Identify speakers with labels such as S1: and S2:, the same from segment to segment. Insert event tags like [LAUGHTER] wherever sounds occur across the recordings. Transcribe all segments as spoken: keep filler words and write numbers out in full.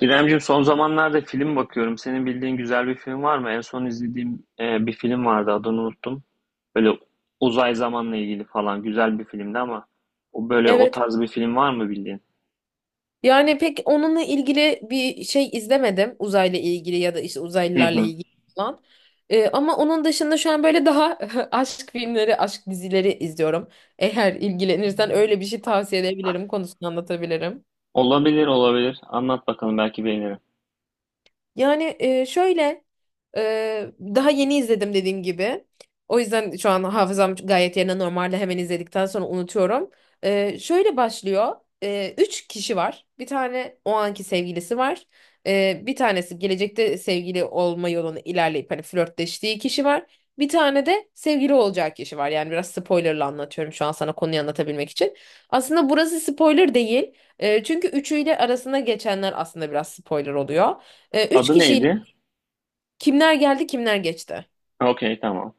S1: İremciğim son zamanlarda film bakıyorum. Senin bildiğin güzel bir film var mı? En son izlediğim e, bir film vardı adını unuttum. Böyle uzay zamanla ilgili falan güzel bir filmdi ama o böyle o
S2: Evet.
S1: tarz bir film var mı bildiğin?
S2: Yani pek onunla ilgili bir şey izlemedim. Uzayla ilgili ya da işte
S1: Hı
S2: uzaylılarla
S1: hı.
S2: ilgili falan. Ee, ama onun dışında şu an böyle daha [LAUGHS] aşk filmleri, aşk dizileri izliyorum. Eğer ilgilenirsen öyle bir şey tavsiye edebilirim, konusunu anlatabilirim.
S1: Olabilir olabilir. Anlat bakalım belki beğenirim.
S2: Yani e, şöyle e, daha yeni izledim dediğim gibi. O yüzden şu an hafızam gayet yerine normalde hemen izledikten sonra unutuyorum. E, şöyle başlıyor. E, üç kişi var. Bir tane o anki sevgilisi var. E, bir tanesi gelecekte sevgili olma yolunu ilerleyip hani flörtleştiği kişi var. Bir tane de sevgili olacağı kişi var. Yani biraz spoilerla anlatıyorum şu an sana konuyu anlatabilmek için. Aslında burası spoiler değil. E, çünkü üçüyle arasında geçenler aslında biraz spoiler oluyor. E, üç
S1: Adı
S2: kişiyle,
S1: neydi?
S2: kimler geldi kimler geçti?
S1: Okey tamam.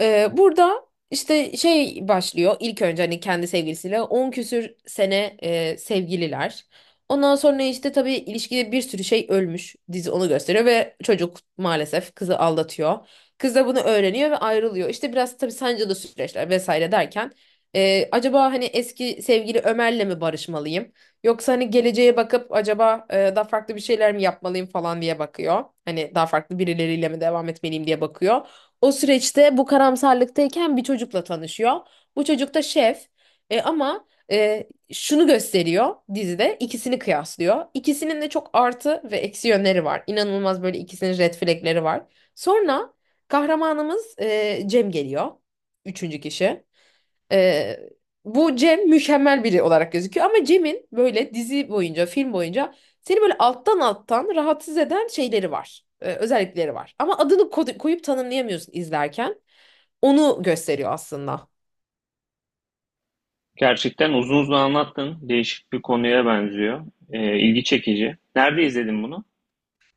S2: Ee, burada işte şey başlıyor, ilk önce hani kendi sevgilisiyle on küsür sene e, sevgililer. Ondan sonra işte tabii ilişkide bir sürü şey ölmüş, dizi onu gösteriyor ve çocuk maalesef kızı aldatıyor. Kız da bunu öğreniyor ve ayrılıyor. İşte biraz tabii sancılı süreçler vesaire derken e, acaba hani eski sevgili Ömer'le mi barışmalıyım? Yoksa hani geleceğe bakıp acaba e, daha farklı bir şeyler mi yapmalıyım falan diye bakıyor. Hani daha farklı birileriyle mi devam etmeliyim diye bakıyor. O süreçte bu karamsarlıktayken bir çocukla tanışıyor. Bu çocuk da şef. E, ama e, şunu gösteriyor, dizide ikisini kıyaslıyor. İkisinin de çok artı ve eksi yönleri var. İnanılmaz böyle ikisinin red flagleri var. Sonra kahramanımız e, Cem geliyor. Üçüncü kişi. Ee, Bu Cem mükemmel biri olarak gözüküyor ama Cem'in böyle dizi boyunca, film boyunca seni böyle alttan alttan rahatsız eden şeyleri var, Ee, özellikleri var. Ama adını ko- koyup tanımlayamıyorsun izlerken. Onu gösteriyor aslında.
S1: Gerçekten uzun uzun anlattın. Değişik bir konuya benziyor. E, ilgi çekici. Nerede izledin bunu?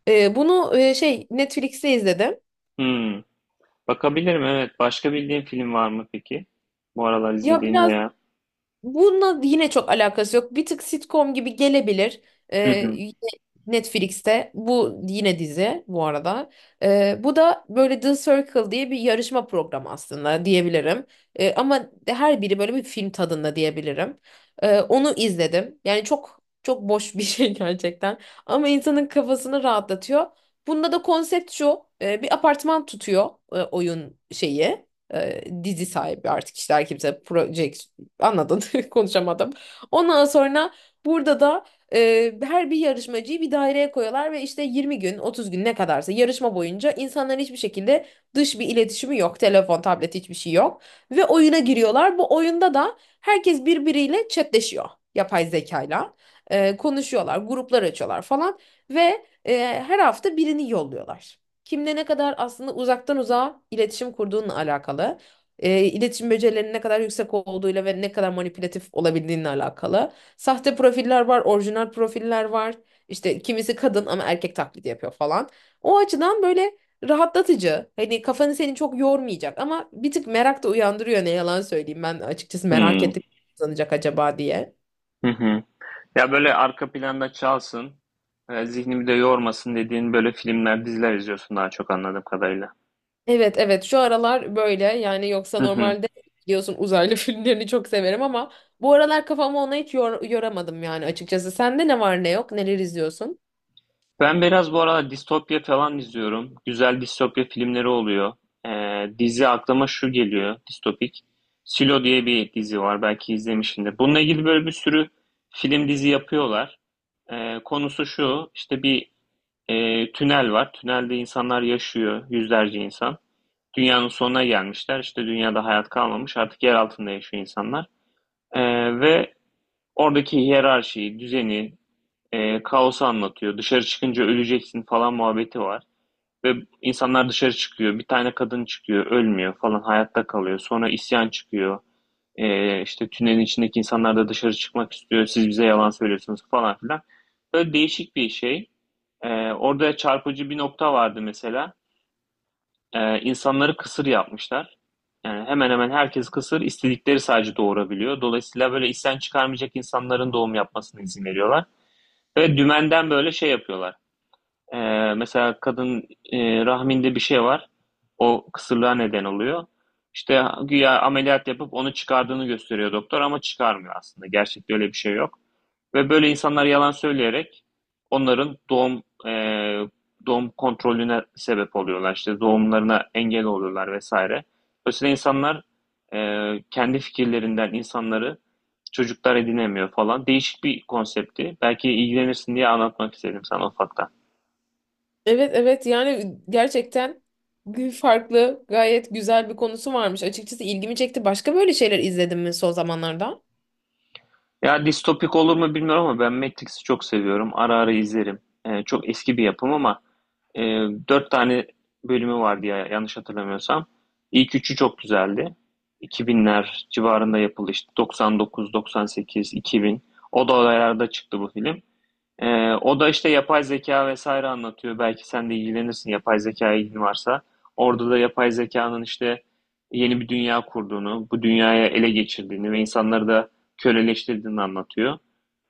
S2: Ee, bunu e, şey Netflix'te izledim.
S1: Hmm. Bakabilirim evet. Başka bildiğin film var mı peki? Bu aralar
S2: Ya
S1: izlediğin
S2: biraz,
S1: veya...
S2: bununla yine çok alakası yok. Bir tık sitcom gibi gelebilir.
S1: Hı
S2: Ee,
S1: hı.
S2: Yine Netflix'te, bu yine dizi bu arada. Ee, bu da böyle The Circle diye bir yarışma programı aslında diyebilirim. Ee, ama her biri böyle bir film tadında diyebilirim. Ee, onu izledim. Yani çok çok boş bir [LAUGHS] şey gerçekten. Ama insanın kafasını rahatlatıyor. Bunda da konsept şu. E, bir apartman tutuyor, e, oyun şeyi, e, dizi sahibi artık işte her kimse proje, anladın [LAUGHS] konuşamadım. Ondan sonra burada da e, her bir yarışmacıyı bir daireye koyuyorlar ve işte yirmi gün otuz gün ne kadarsa yarışma boyunca insanların hiçbir şekilde dış bir iletişimi yok. Telefon, tablet hiçbir şey yok. Ve oyuna giriyorlar. Bu oyunda da herkes birbiriyle chatleşiyor, yapay zekayla. E, konuşuyorlar, gruplar açıyorlar falan ve e, her hafta birini yolluyorlar. Kimle ne kadar aslında uzaktan uzağa iletişim kurduğunla alakalı, e, iletişim becerilerinin ne kadar yüksek olduğuyla ve ne kadar manipülatif olabildiğinle alakalı. Sahte profiller var, orijinal profiller var. İşte kimisi kadın ama erkek taklidi yapıyor falan. O açıdan böyle rahatlatıcı. Hani kafanı seni çok yormayacak ama bir tık merak da uyandırıyor ne yalan söyleyeyim. Ben açıkçası merak
S1: Hmm.
S2: ettim sanacak acaba diye.
S1: Hı hı. Ya böyle arka planda çalsın, e, zihnimi de yormasın dediğin böyle filmler, diziler izliyorsun daha çok anladığım kadarıyla.
S2: Evet, evet şu aralar böyle yani, yoksa
S1: Hı hı.
S2: normalde biliyorsun uzaylı [LAUGHS] filmlerini çok severim ama bu aralar kafamı ona hiç yor yoramadım yani açıkçası. Sende ne var ne yok, neler izliyorsun?
S1: Ben biraz bu arada distopya falan izliyorum. Güzel distopya filmleri oluyor. E, Dizi aklıma şu geliyor, distopik. Silo diye bir dizi var, belki izlemişsindir. Bununla ilgili böyle bir sürü film dizi yapıyorlar. E, konusu şu, işte bir e, tünel var. Tünelde insanlar yaşıyor, yüzlerce insan. Dünyanın sonuna gelmişler. İşte dünyada hayat kalmamış. Artık yer altında yaşıyor insanlar. E, ve oradaki hiyerarşiyi, düzeni, e, kaosu anlatıyor. Dışarı çıkınca öleceksin falan muhabbeti var. Ve insanlar dışarı çıkıyor. Bir tane kadın çıkıyor, ölmüyor falan. Hayatta kalıyor. Sonra isyan çıkıyor. E, işte tünelin içindeki insanlar da dışarı çıkmak istiyor. Siz bize yalan söylüyorsunuz falan filan. Böyle değişik bir şey. E, orada çarpıcı bir nokta vardı mesela. E, insanları kısır yapmışlar. E, hemen hemen herkes kısır, istedikleri sadece doğurabiliyor. Dolayısıyla böyle isten çıkarmayacak insanların doğum yapmasına izin veriyorlar. Ve dümenden böyle şey yapıyorlar. Ee, mesela kadın e, rahminde bir şey var. O kısırlığa neden oluyor. İşte güya ameliyat yapıp onu çıkardığını gösteriyor doktor ama çıkarmıyor aslında. Gerçekte öyle bir şey yok. Ve böyle insanlar yalan söyleyerek onların doğum e, doğum kontrolüne sebep oluyorlar. İşte doğumlarına engel oluyorlar vesaire. Dolayısıyla insanlar e, kendi fikirlerinden insanları çocuklar edinemiyor falan. Değişik bir konsepti. Belki ilgilenirsin diye anlatmak istedim sana ufaktan.
S2: Evet, evet yani gerçekten farklı, gayet güzel bir konusu varmış. Açıkçası ilgimi çekti. Başka böyle şeyler izledin mi son zamanlarda?
S1: Ya distopik olur mu bilmiyorum ama ben Matrix'i çok seviyorum. Ara ara izlerim. Ee, çok eski bir yapım ama e, dört tane bölümü vardı ya yanlış hatırlamıyorsam. İlk üçü çok güzeldi. iki binler civarında yapıldı işte doksan dokuz, doksan sekiz, iki bin. O dolaylarda çıktı bu film. Ee, o da işte yapay zeka vesaire anlatıyor. Belki sen de ilgilenirsin yapay zekaya ilgin varsa. Orada da yapay zekanın işte yeni bir dünya kurduğunu, bu dünyaya ele geçirdiğini ve insanları da köleleştirdiğini anlatıyor.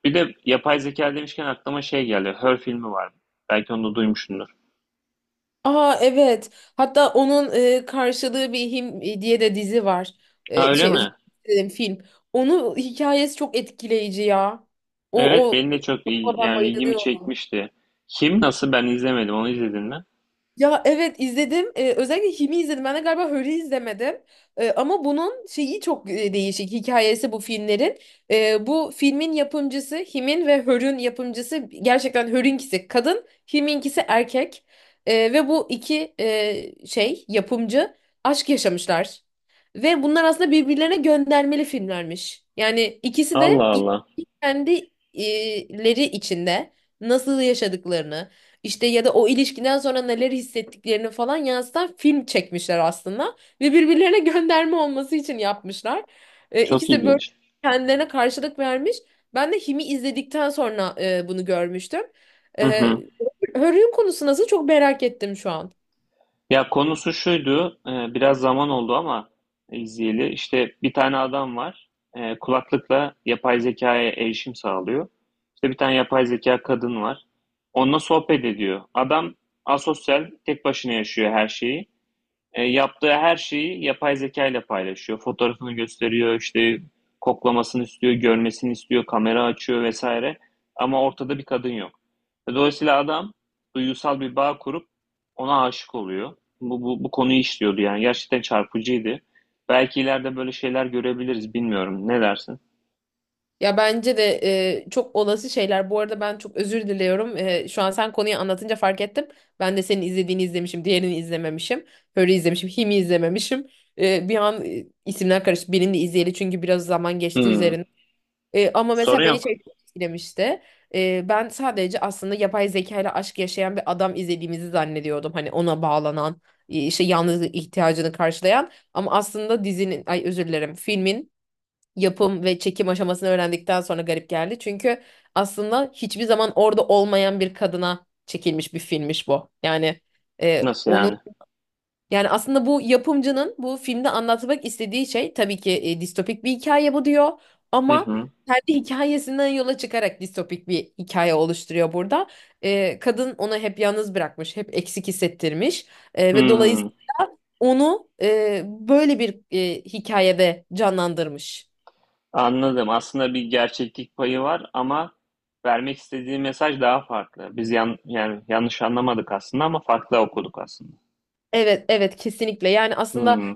S1: Bir de yapay zeka demişken aklıma şey geldi. Her filmi var. Belki onu da duymuşsundur.
S2: Aa evet. Hatta onun e, karşılığı bir him e, diye de dizi var.
S1: Ha
S2: E,
S1: öyle
S2: şey özür
S1: mi?
S2: dilerim, film. Onun hikayesi çok etkileyici ya. O
S1: Evet
S2: o
S1: benim de çok
S2: ona
S1: il-
S2: ben
S1: yani ilgimi
S2: bayılıyorum.
S1: çekmişti. Kim nasıl ben izlemedim. Onu izledin mi?
S2: Ya evet izledim. Ee, özellikle Him'i izledim. Ben de galiba Hör'ü izlemedim. Ee, ama bunun şeyi çok e, değişik hikayesi bu filmlerin. Ee, bu filmin yapımcısı, Him'in ve Hör'ün yapımcısı, gerçekten Hör'ünkisi kadın, Him'inkisi erkek. Ee, ve bu iki e, şey yapımcı aşk yaşamışlar. Ve bunlar aslında birbirlerine göndermeli filmlermiş. Yani ikisi
S1: Allah
S2: de
S1: Allah.
S2: kendi e, içinde nasıl yaşadıklarını, işte ya da o ilişkiden sonra neler hissettiklerini falan yansıtan film çekmişler aslında. Ve birbirlerine [LAUGHS] gönderme olması için yapmışlar. E,
S1: Çok
S2: ikisi de böyle
S1: ilginç.
S2: kendilerine karşılık vermiş. Ben de Him'i izledikten sonra e, bunu görmüştüm.
S1: Hı
S2: E,
S1: hı.
S2: Hör'ün konusu nasıl, çok merak ettim şu an.
S1: Ya konusu şuydu, e, biraz zaman oldu ama izleyeli. İşte bir tane adam var, e, kulaklıkla yapay zekaya erişim sağlıyor. İşte bir tane yapay zeka kadın var. Onunla sohbet ediyor. Adam asosyal, tek başına yaşıyor her şeyi. E, yaptığı her şeyi yapay zeka ile paylaşıyor. Fotoğrafını gösteriyor, işte koklamasını istiyor, görmesini istiyor, kamera açıyor vesaire. Ama ortada bir kadın yok. Dolayısıyla adam duygusal bir bağ kurup ona aşık oluyor. Bu, bu, bu konuyu işliyordu yani. Gerçekten çarpıcıydı. Belki ileride böyle şeyler görebiliriz, bilmiyorum. Ne dersin?
S2: Ya bence de e, çok olası şeyler. Bu arada ben çok özür diliyorum. E, şu an sen konuyu anlatınca fark ettim. Ben de senin izlediğini izlemişim, diğerini izlememişim. Böyle izlemişim, Him'i izlememişim. E, bir an e, isimler karıştı. Birini izleyeli çünkü biraz zaman geçti
S1: Hmm.
S2: üzerine. E, ama
S1: Sorun
S2: mesela beni
S1: yok.
S2: şey çok etkilemişti. E, ben sadece aslında yapay zeka ile aşk yaşayan bir adam izlediğimizi zannediyordum. Hani ona bağlanan, e, işte yalnızlık ihtiyacını karşılayan. Ama aslında dizinin, ay özür dilerim, filmin yapım ve çekim aşamasını öğrendikten sonra garip geldi. Çünkü aslında hiçbir zaman orada olmayan bir kadına çekilmiş bir filmmiş bu. Yani e,
S1: Nasıl
S2: onun
S1: yani?
S2: yani aslında bu yapımcının bu filmde anlatmak istediği şey tabii ki e, distopik bir hikaye bu diyor
S1: Hı
S2: ama
S1: hı.
S2: kendi hikayesinden yola çıkarak distopik bir hikaye oluşturuyor burada. E, kadın onu hep yalnız bırakmış, hep eksik hissettirmiş. E, ve
S1: Hmm.
S2: dolayısıyla onu e, böyle bir e, hikayede canlandırmış.
S1: Anladım. Aslında bir gerçeklik payı var ama vermek istediği mesaj daha farklı. Biz yan, yani yanlış anlamadık aslında ama farklı okuduk aslında.
S2: Evet, evet kesinlikle. Yani aslında
S1: Hmm,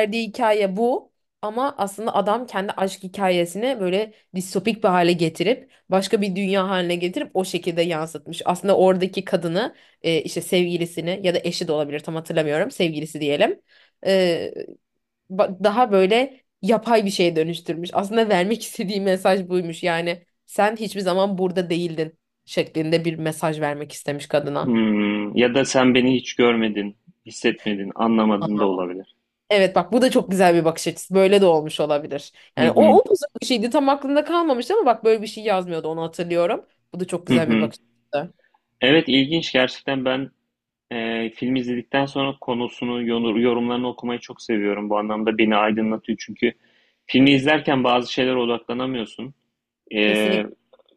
S2: verdiği hikaye bu, ama aslında adam kendi aşk hikayesini böyle distopik bir hale getirip başka bir dünya haline getirip o şekilde yansıtmış. Aslında oradaki kadını, e, işte sevgilisini ya da eşi de olabilir tam hatırlamıyorum, sevgilisi diyelim. E, ba- daha böyle yapay bir şeye dönüştürmüş. Aslında vermek [LAUGHS] istediği mesaj buymuş. Yani sen hiçbir zaman burada değildin şeklinde bir mesaj vermek istemiş kadına.
S1: hmm. Ya da sen beni hiç görmedin, hissetmedin, anlamadın da olabilir.
S2: Evet bak, bu da çok güzel bir bakış açısı. Böyle de olmuş olabilir.
S1: Hı
S2: Yani o
S1: hı,
S2: upuzun bir şeydi tam aklımda kalmamıştı ama bak böyle bir şey yazmıyordu onu hatırlıyorum. Bu da çok
S1: hı
S2: güzel bir
S1: hı.
S2: bakış açısı.
S1: Evet ilginç gerçekten ben e, film izledikten sonra konusunu, yonu- yorumlarını okumayı çok seviyorum. Bu anlamda beni aydınlatıyor çünkü filmi izlerken bazı şeylere odaklanamıyorsun. E,
S2: Kesinlikle.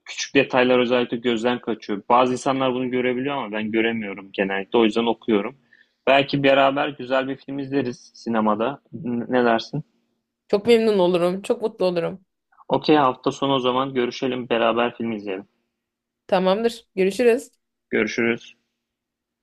S1: Küçük detaylar özellikle gözden kaçıyor. Bazı insanlar bunu görebiliyor ama ben göremiyorum genellikle. O yüzden okuyorum. Belki beraber güzel bir film izleriz sinemada. Ne dersin?
S2: Çok memnun olurum. Çok mutlu olurum.
S1: Okey hafta sonu o zaman görüşelim beraber film izleyelim.
S2: Tamamdır. Görüşürüz.
S1: Görüşürüz.